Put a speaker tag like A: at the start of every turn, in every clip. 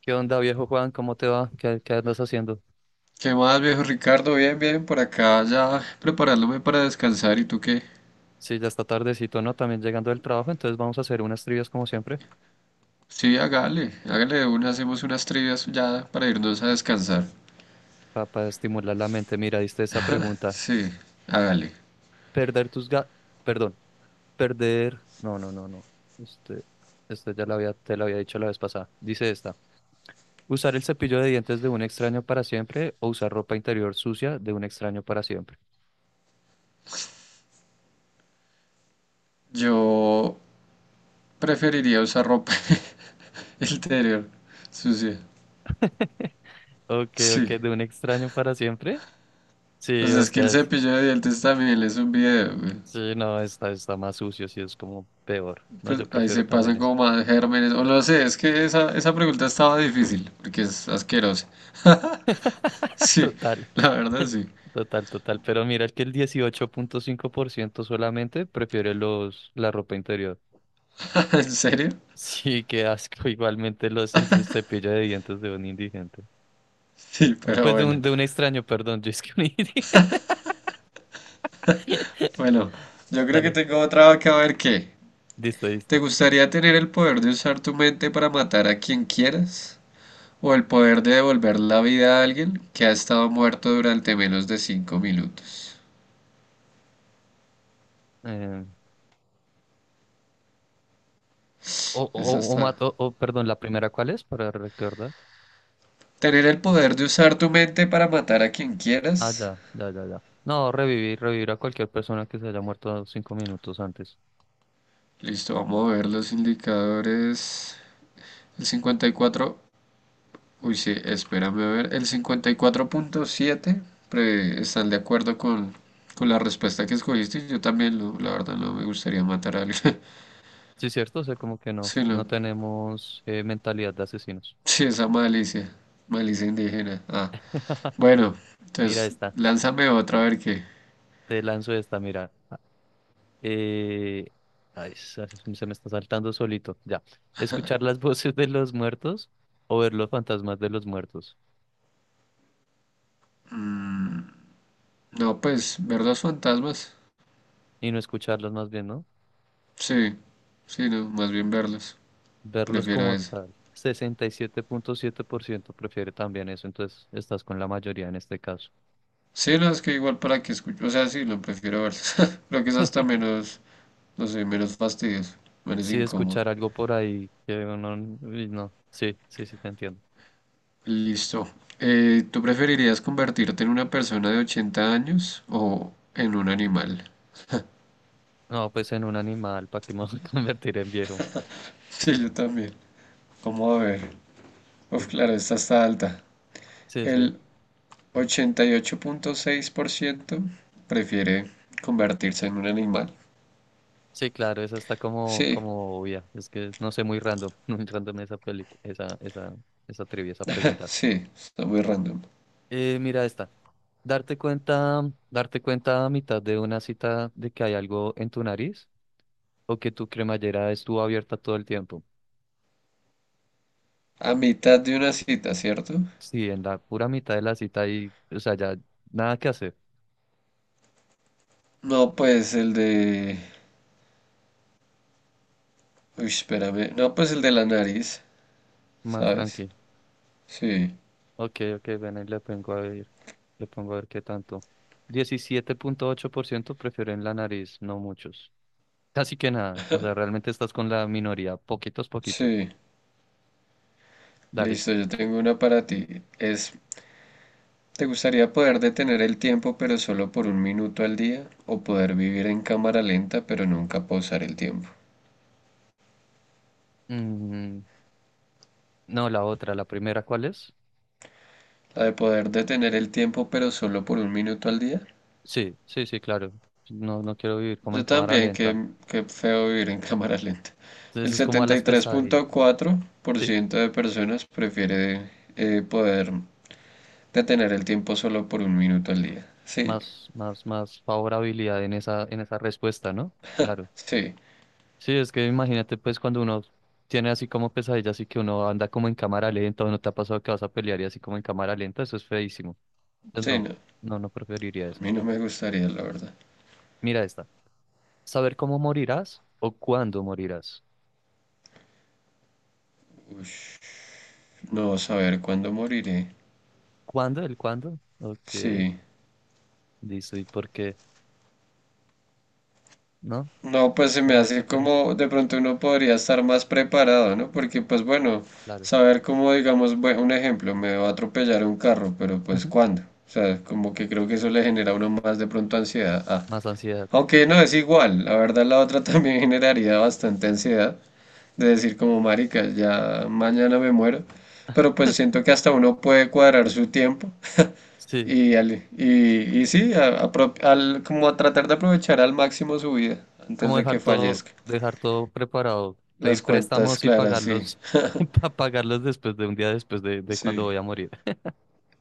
A: ¿Qué onda, viejo Juan? ¿Cómo te va? ¿Qué andas haciendo?
B: ¿Qué más, viejo Ricardo? Bien, bien, por acá ya preparándome para descansar. ¿Y tú qué?
A: Sí, ya está tardecito, ¿no? También llegando del trabajo, entonces vamos a hacer unas trivias como siempre
B: Sí, hágale, hágale de una, hacemos unas trivias ya para irnos a descansar.
A: para estimular la mente. Mira, diste esa pregunta.
B: Sí, hágale.
A: Perder tus ga... Perdón, No, no, no, no. Este, este te lo había dicho la vez pasada. Dice esta. ¿Usar el cepillo de dientes de un extraño para siempre o usar ropa interior sucia de un extraño para siempre?
B: Yo preferiría usar ropa interior sucia.
A: Ok, ok,
B: Sí,
A: de un extraño para siempre.
B: pues
A: Sí,
B: es que el
A: Oscar.
B: cepillo de dientes también es un video, güey.
A: Sí, no, está más sucio, sí, es como peor. No,
B: Pues
A: yo
B: ahí
A: prefiero
B: se
A: también
B: pasan
A: eso.
B: como más gérmenes, o no sé, es que esa pregunta estaba difícil, porque es asquerosa. Sí,
A: Total,
B: la verdad sí.
A: total, total. Pero mira que el 18,5% solamente prefiere la ropa interior.
B: ¿En serio?
A: Sí, qué asco. Igualmente el cepillo de dientes de un indigente.
B: Sí,
A: O,
B: pero
A: pues de
B: bueno.
A: un, de un extraño, perdón. Yo es que un indigente.
B: Bueno, yo creo que
A: Dale,
B: tengo otra que a ver qué.
A: listo,
B: ¿Te
A: listo.
B: gustaría tener el poder de usar tu mente para matar a quien quieras? ¿O el poder de devolver la vida a alguien que ha estado muerto durante menos de cinco minutos?
A: Eh,
B: Esa
A: o,
B: está.
A: mat- o, perdón, ¿la primera cuál es? Para recordar.
B: ¿Tener el poder de usar tu mente para matar a quien
A: Ah,
B: quieras?
A: ya, ya, ya, ya. No, revivir a cualquier persona que se haya muerto 5 minutos antes.
B: Listo, vamos a ver los indicadores. El 54. Uy, sí, espérame a ver. El 54.7 están de acuerdo con la respuesta que escogiste. Yo también, no, la verdad, no me gustaría matar a alguien.
A: Sí, cierto, o sea, como que no,
B: Sí,
A: no
B: no.
A: tenemos mentalidad de asesinos.
B: Sí, esa malicia. Malicia indígena. Ah, bueno,
A: Mira
B: entonces
A: esta,
B: lánzame otra, a ver qué.
A: te lanzo esta, mira. Ah, Eh, ay, se me está saltando solito, ya. Escuchar las voces de los muertos o ver los fantasmas de los muertos.
B: No, pues, ver los fantasmas.
A: Y no escucharlos más bien, ¿no?
B: Sí, sí, no, más bien verlos.
A: Verlos
B: Prefiero
A: como
B: eso.
A: tal. Sesenta y siete punto siete por ciento prefiere también eso, entonces estás con la mayoría en este caso.
B: Sí, no, es que igual para que escucho. O sea, sí, lo prefiero verlos. Creo que es hasta menos, no sé, menos fastidioso, menos
A: Sí,
B: incómodo.
A: escuchar algo por ahí que uno, uy, no, sí, sí, sí, te entiendo.
B: Listo. ¿Tú preferirías convertirte en una persona de 80 años o en un animal?
A: No, pues en un animal, ¿para qué me voy a convertir en viejo?
B: Sí, yo también. Cómo a ver. Uf, claro, esta está alta.
A: Sí, es que,
B: El ochenta y ocho punto seis por ciento prefiere convertirse en un animal.
A: sí, claro, esa está como,
B: Sí,
A: como obvia. Es que no sé, muy random, muy random esa película, esa trivia, esa pregunta.
B: sí, está muy random.
A: Mira esta. Darte cuenta, darte cuenta a mitad de una cita de que hay algo en tu nariz o que tu cremallera estuvo abierta todo el tiempo.
B: A mitad de una cita, ¿cierto?
A: Sí, en la pura mitad de la cita y, o sea, ya nada que hacer,
B: No, pues el de... Uy, espérame. No, pues el de la nariz,
A: más
B: ¿sabes?
A: tranqui.
B: Sí,
A: Ok, ok, ven y le pongo a ver qué tanto. 17,8% prefieren la nariz, no muchos. Casi que nada, o sea, realmente estás con la minoría, poquitos, poquitos.
B: sí.
A: Dale.
B: Listo, yo tengo una para ti. Es, ¿te gustaría poder detener el tiempo pero solo por un minuto al día? ¿O poder vivir en cámara lenta pero nunca pausar el tiempo?
A: Mm, no, la primera, ¿cuál es?
B: La de poder detener el tiempo pero solo por un minuto al día.
A: Sí, sí, sí, claro. No, no quiero vivir como en
B: Yo
A: cámara
B: también,
A: lenta.
B: qué feo vivir en cámara lenta.
A: Entonces
B: El
A: es como a
B: setenta
A: las
B: y tres
A: pesadillas,
B: punto cuatro por
A: ¿sí?
B: ciento de personas prefiere poder detener el tiempo solo por un minuto al día. Sí,
A: Más favorabilidad en esa, respuesta, ¿no? Claro.
B: sí,
A: Sí, es que imagínate pues cuando uno tiene así como pesadillas así que uno anda como en cámara lenta o no te ha pasado que vas a pelear y así como en cámara lenta, eso es feísimo. Entonces
B: sí, no.
A: no, no, no preferiría eso.
B: A mí no me gustaría, la verdad.
A: Mira esta. ¿Saber cómo morirás o cuándo morirás?
B: No saber cuándo moriré.
A: ¿Cuándo? ¿El cuándo? Ok,
B: Sí.
A: listo. ¿Y por qué? ¿No?
B: No, pues se
A: No,
B: me
A: no hay
B: hace
A: preferencia.
B: como de pronto uno podría estar más preparado, ¿no? Porque pues bueno,
A: Claro.
B: saber cómo, digamos, un ejemplo, me va a atropellar un carro, pero pues
A: Ujú.
B: ¿cuándo? O sea, como que creo que eso le genera a uno más de pronto ansiedad. Ah,
A: Más ansiedad.
B: aunque no es igual, la verdad la otra también generaría bastante ansiedad de decir como marica, ya mañana me muero, pero pues siento que hasta uno puede cuadrar su tiempo.
A: Sí,
B: Y sí, como a tratar de aprovechar al máximo su vida antes
A: como
B: de que fallezca.
A: dejar todo preparado,
B: Las
A: pedir
B: cuentas
A: préstamos y
B: claras, sí,
A: pagarlos, para pagarlos después de un día después de cuando
B: sí.
A: voy a morir.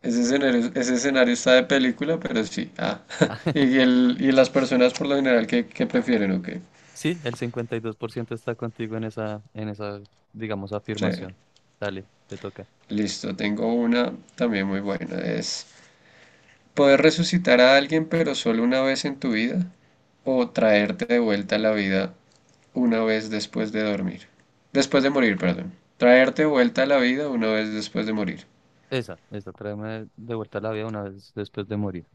B: Ese escenario está de película, pero sí. Ah, y, y las personas por lo general que prefieren, ok.
A: Sí, el 52% está contigo en esa, digamos,
B: Sí,
A: afirmación. Dale, te toca.
B: listo, tengo una también muy buena. Es, poder resucitar a alguien, pero solo una vez en tu vida, o traerte de vuelta a la vida una vez después de dormir. Después de morir, perdón. Traerte de vuelta a la vida una vez después de morir.
A: Tráeme de vuelta a la vida una vez después de morir.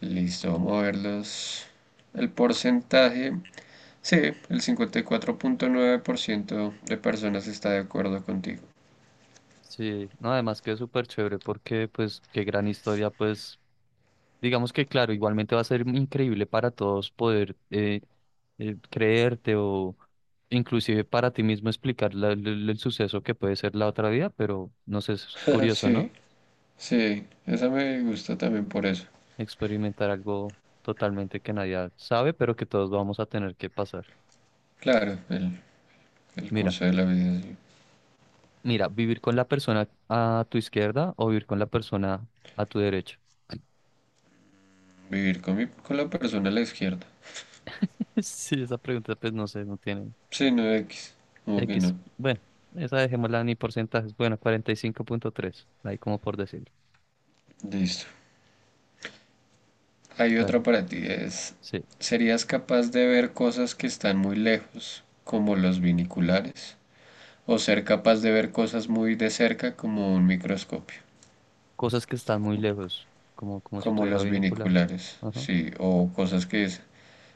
B: Listo, vamos a ver los... El porcentaje. Sí, el 54.9% de personas está de acuerdo contigo.
A: Sí, no, además que es súper chévere porque, pues, qué gran historia, pues, digamos que, claro, igualmente va a ser increíble para todos poder creerte o inclusive para ti mismo explicar el suceso que puede ser la otra vida, pero no sé, es curioso,
B: Sí,
A: ¿no?
B: sí, esa me gusta también por eso.
A: Experimentar algo totalmente que nadie sabe, pero que todos vamos a tener que pasar.
B: Claro, el
A: Mira,
B: curso de la vida, sí.
A: mira, vivir con la persona a tu izquierda o vivir con la persona a tu derecha.
B: Vivir con, con la persona a la izquierda.
A: Sí, esa pregunta pues no sé, no tiene
B: Sí, no X. Como que
A: X.
B: no.
A: Bueno, esa dejémosla ni porcentajes. Bueno, 45,3 ahí como por decir.
B: Listo. Hay otra
A: Dale,
B: para ti. Es,
A: sí.
B: ¿serías capaz de ver cosas que están muy lejos, como los viniculares? ¿O ser capaz de ver cosas muy de cerca, como un microscopio?
A: Cosas que están muy lejos, como si
B: Como
A: tuviera
B: los
A: binocular.
B: viniculares,
A: Ajá.
B: sí. O cosas que es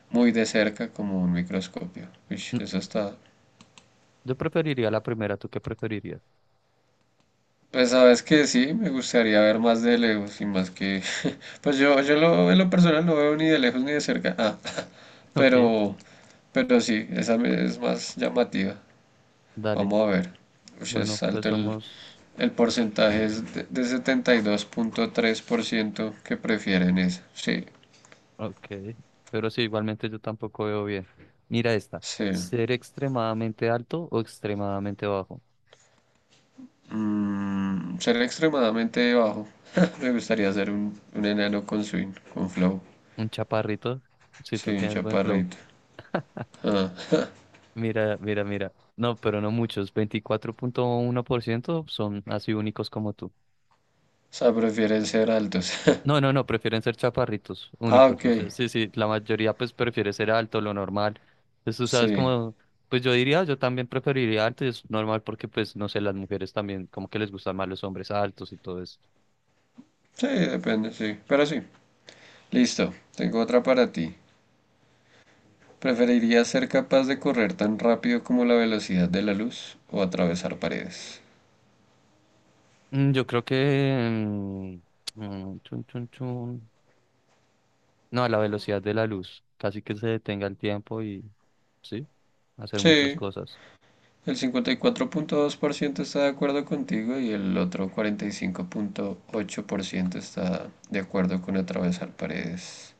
B: muy de cerca, como un microscopio. Uy,
A: No,
B: eso está...
A: yo preferiría la primera, ¿tú qué preferirías?
B: Pues sabes que sí, me gustaría ver más de lejos y más que... pues yo, en lo personal no veo ni de lejos ni de cerca. Ah,
A: Ok,
B: pero, pero sí, es más llamativa.
A: dale.
B: Vamos a ver. Ush,
A: Bueno,
B: es
A: pues
B: alto
A: somos...
B: el porcentaje, es de setenta y dos punto tres por ciento que prefieren esa. Sí,
A: Ok, pero sí, igualmente yo tampoco veo bien. Mira esta,
B: sí.
A: ser extremadamente alto o extremadamente bajo.
B: Mm, ser extremadamente bajo. Me gustaría ser un enano con swing, con flow.
A: Un chaparrito, si
B: Sí,
A: tú
B: un
A: tienes buen flow.
B: chaparrito.
A: Mira, mira, mira. No, pero no muchos. 24,1% son así únicos como tú.
B: O sea, prefieren ser altos.
A: No, no, no, prefieren ser chaparritos
B: Ah,
A: únicos.
B: ok.
A: O sea, sí, sí, la mayoría pues prefiere ser alto, lo normal. Entonces tú sabes
B: Sí.
A: como, pues yo diría, yo también preferiría alto y es normal porque pues no sé, las mujeres también como que les gustan más los hombres altos y todo eso.
B: Sí, depende, sí. Pero sí. Listo. Tengo otra para ti. ¿Preferirías ser capaz de correr tan rápido como la velocidad de la luz o atravesar paredes?
A: Yo creo que... mm, chun, chun, chun. No, a la velocidad de la luz. Casi que se detenga el tiempo y... Sí, hacer muchas
B: Sí.
A: cosas.
B: El 54.2% está de acuerdo contigo y el otro 45.8% está de acuerdo con atravesar paredes.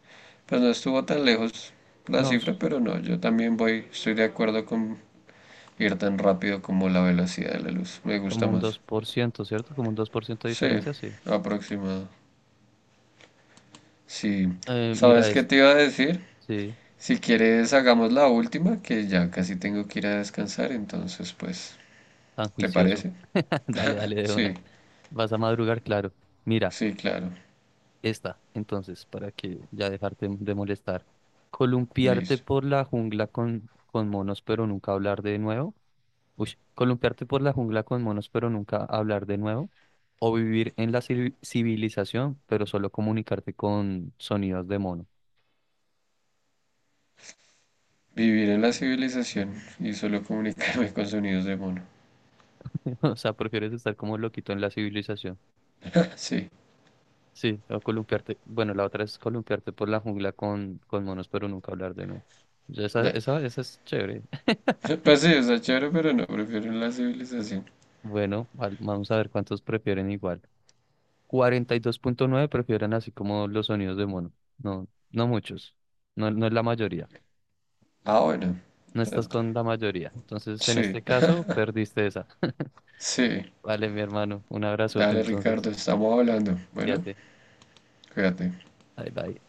B: Pues no estuvo tan lejos la
A: No,
B: cifra,
A: es
B: pero no, yo también voy, estoy de acuerdo con ir tan rápido como la velocidad de la luz. Me
A: como
B: gusta
A: un dos
B: más.
A: por ciento ¿cierto? Como un 2% de
B: Sí,
A: diferencia, sí.
B: aproximado. Sí.
A: Mira,
B: ¿Sabes qué
A: es...
B: te iba a decir?
A: Sí,
B: Si quieres, hagamos la última, que ya casi tengo que ir a descansar, entonces, pues,
A: tan
B: ¿te
A: juicioso.
B: parece?
A: Dale, dale de
B: Sí,
A: una. Vas a madrugar, claro. Mira,
B: sí, claro.
A: esta, entonces, para que ya dejarte de molestar. Columpiarte
B: Listo.
A: por la jungla con monos, pero nunca hablar de nuevo. Uy, columpiarte por la jungla con monos, pero nunca hablar de nuevo. O vivir en la civilización, pero solo comunicarte con sonidos de mono.
B: Vivir en la civilización y solo comunicarme con sonidos de mono.
A: O sea, prefieres estar como loquito en la civilización.
B: Sí.
A: Sí, o columpiarte. Bueno, la otra es columpiarte por la jungla con monos, pero nunca hablar de nuevo. Ya.
B: Nah.
A: Esa es chévere.
B: Pues sí, está chévere, pero no, prefiero en la civilización.
A: Bueno, vamos a ver cuántos prefieren igual. 42,9 prefieren así como los sonidos de mono. No, no muchos. No, no es la mayoría.
B: Ah, bueno,
A: No estás
B: tanto.
A: con la mayoría. Entonces, en
B: Sí,
A: este caso, perdiste esa.
B: sí.
A: Vale, mi hermano. Un abrazote,
B: Dale,
A: entonces.
B: Ricardo, estamos hablando. Bueno.
A: Fíjate.
B: Fíjate.
A: Bye, bye.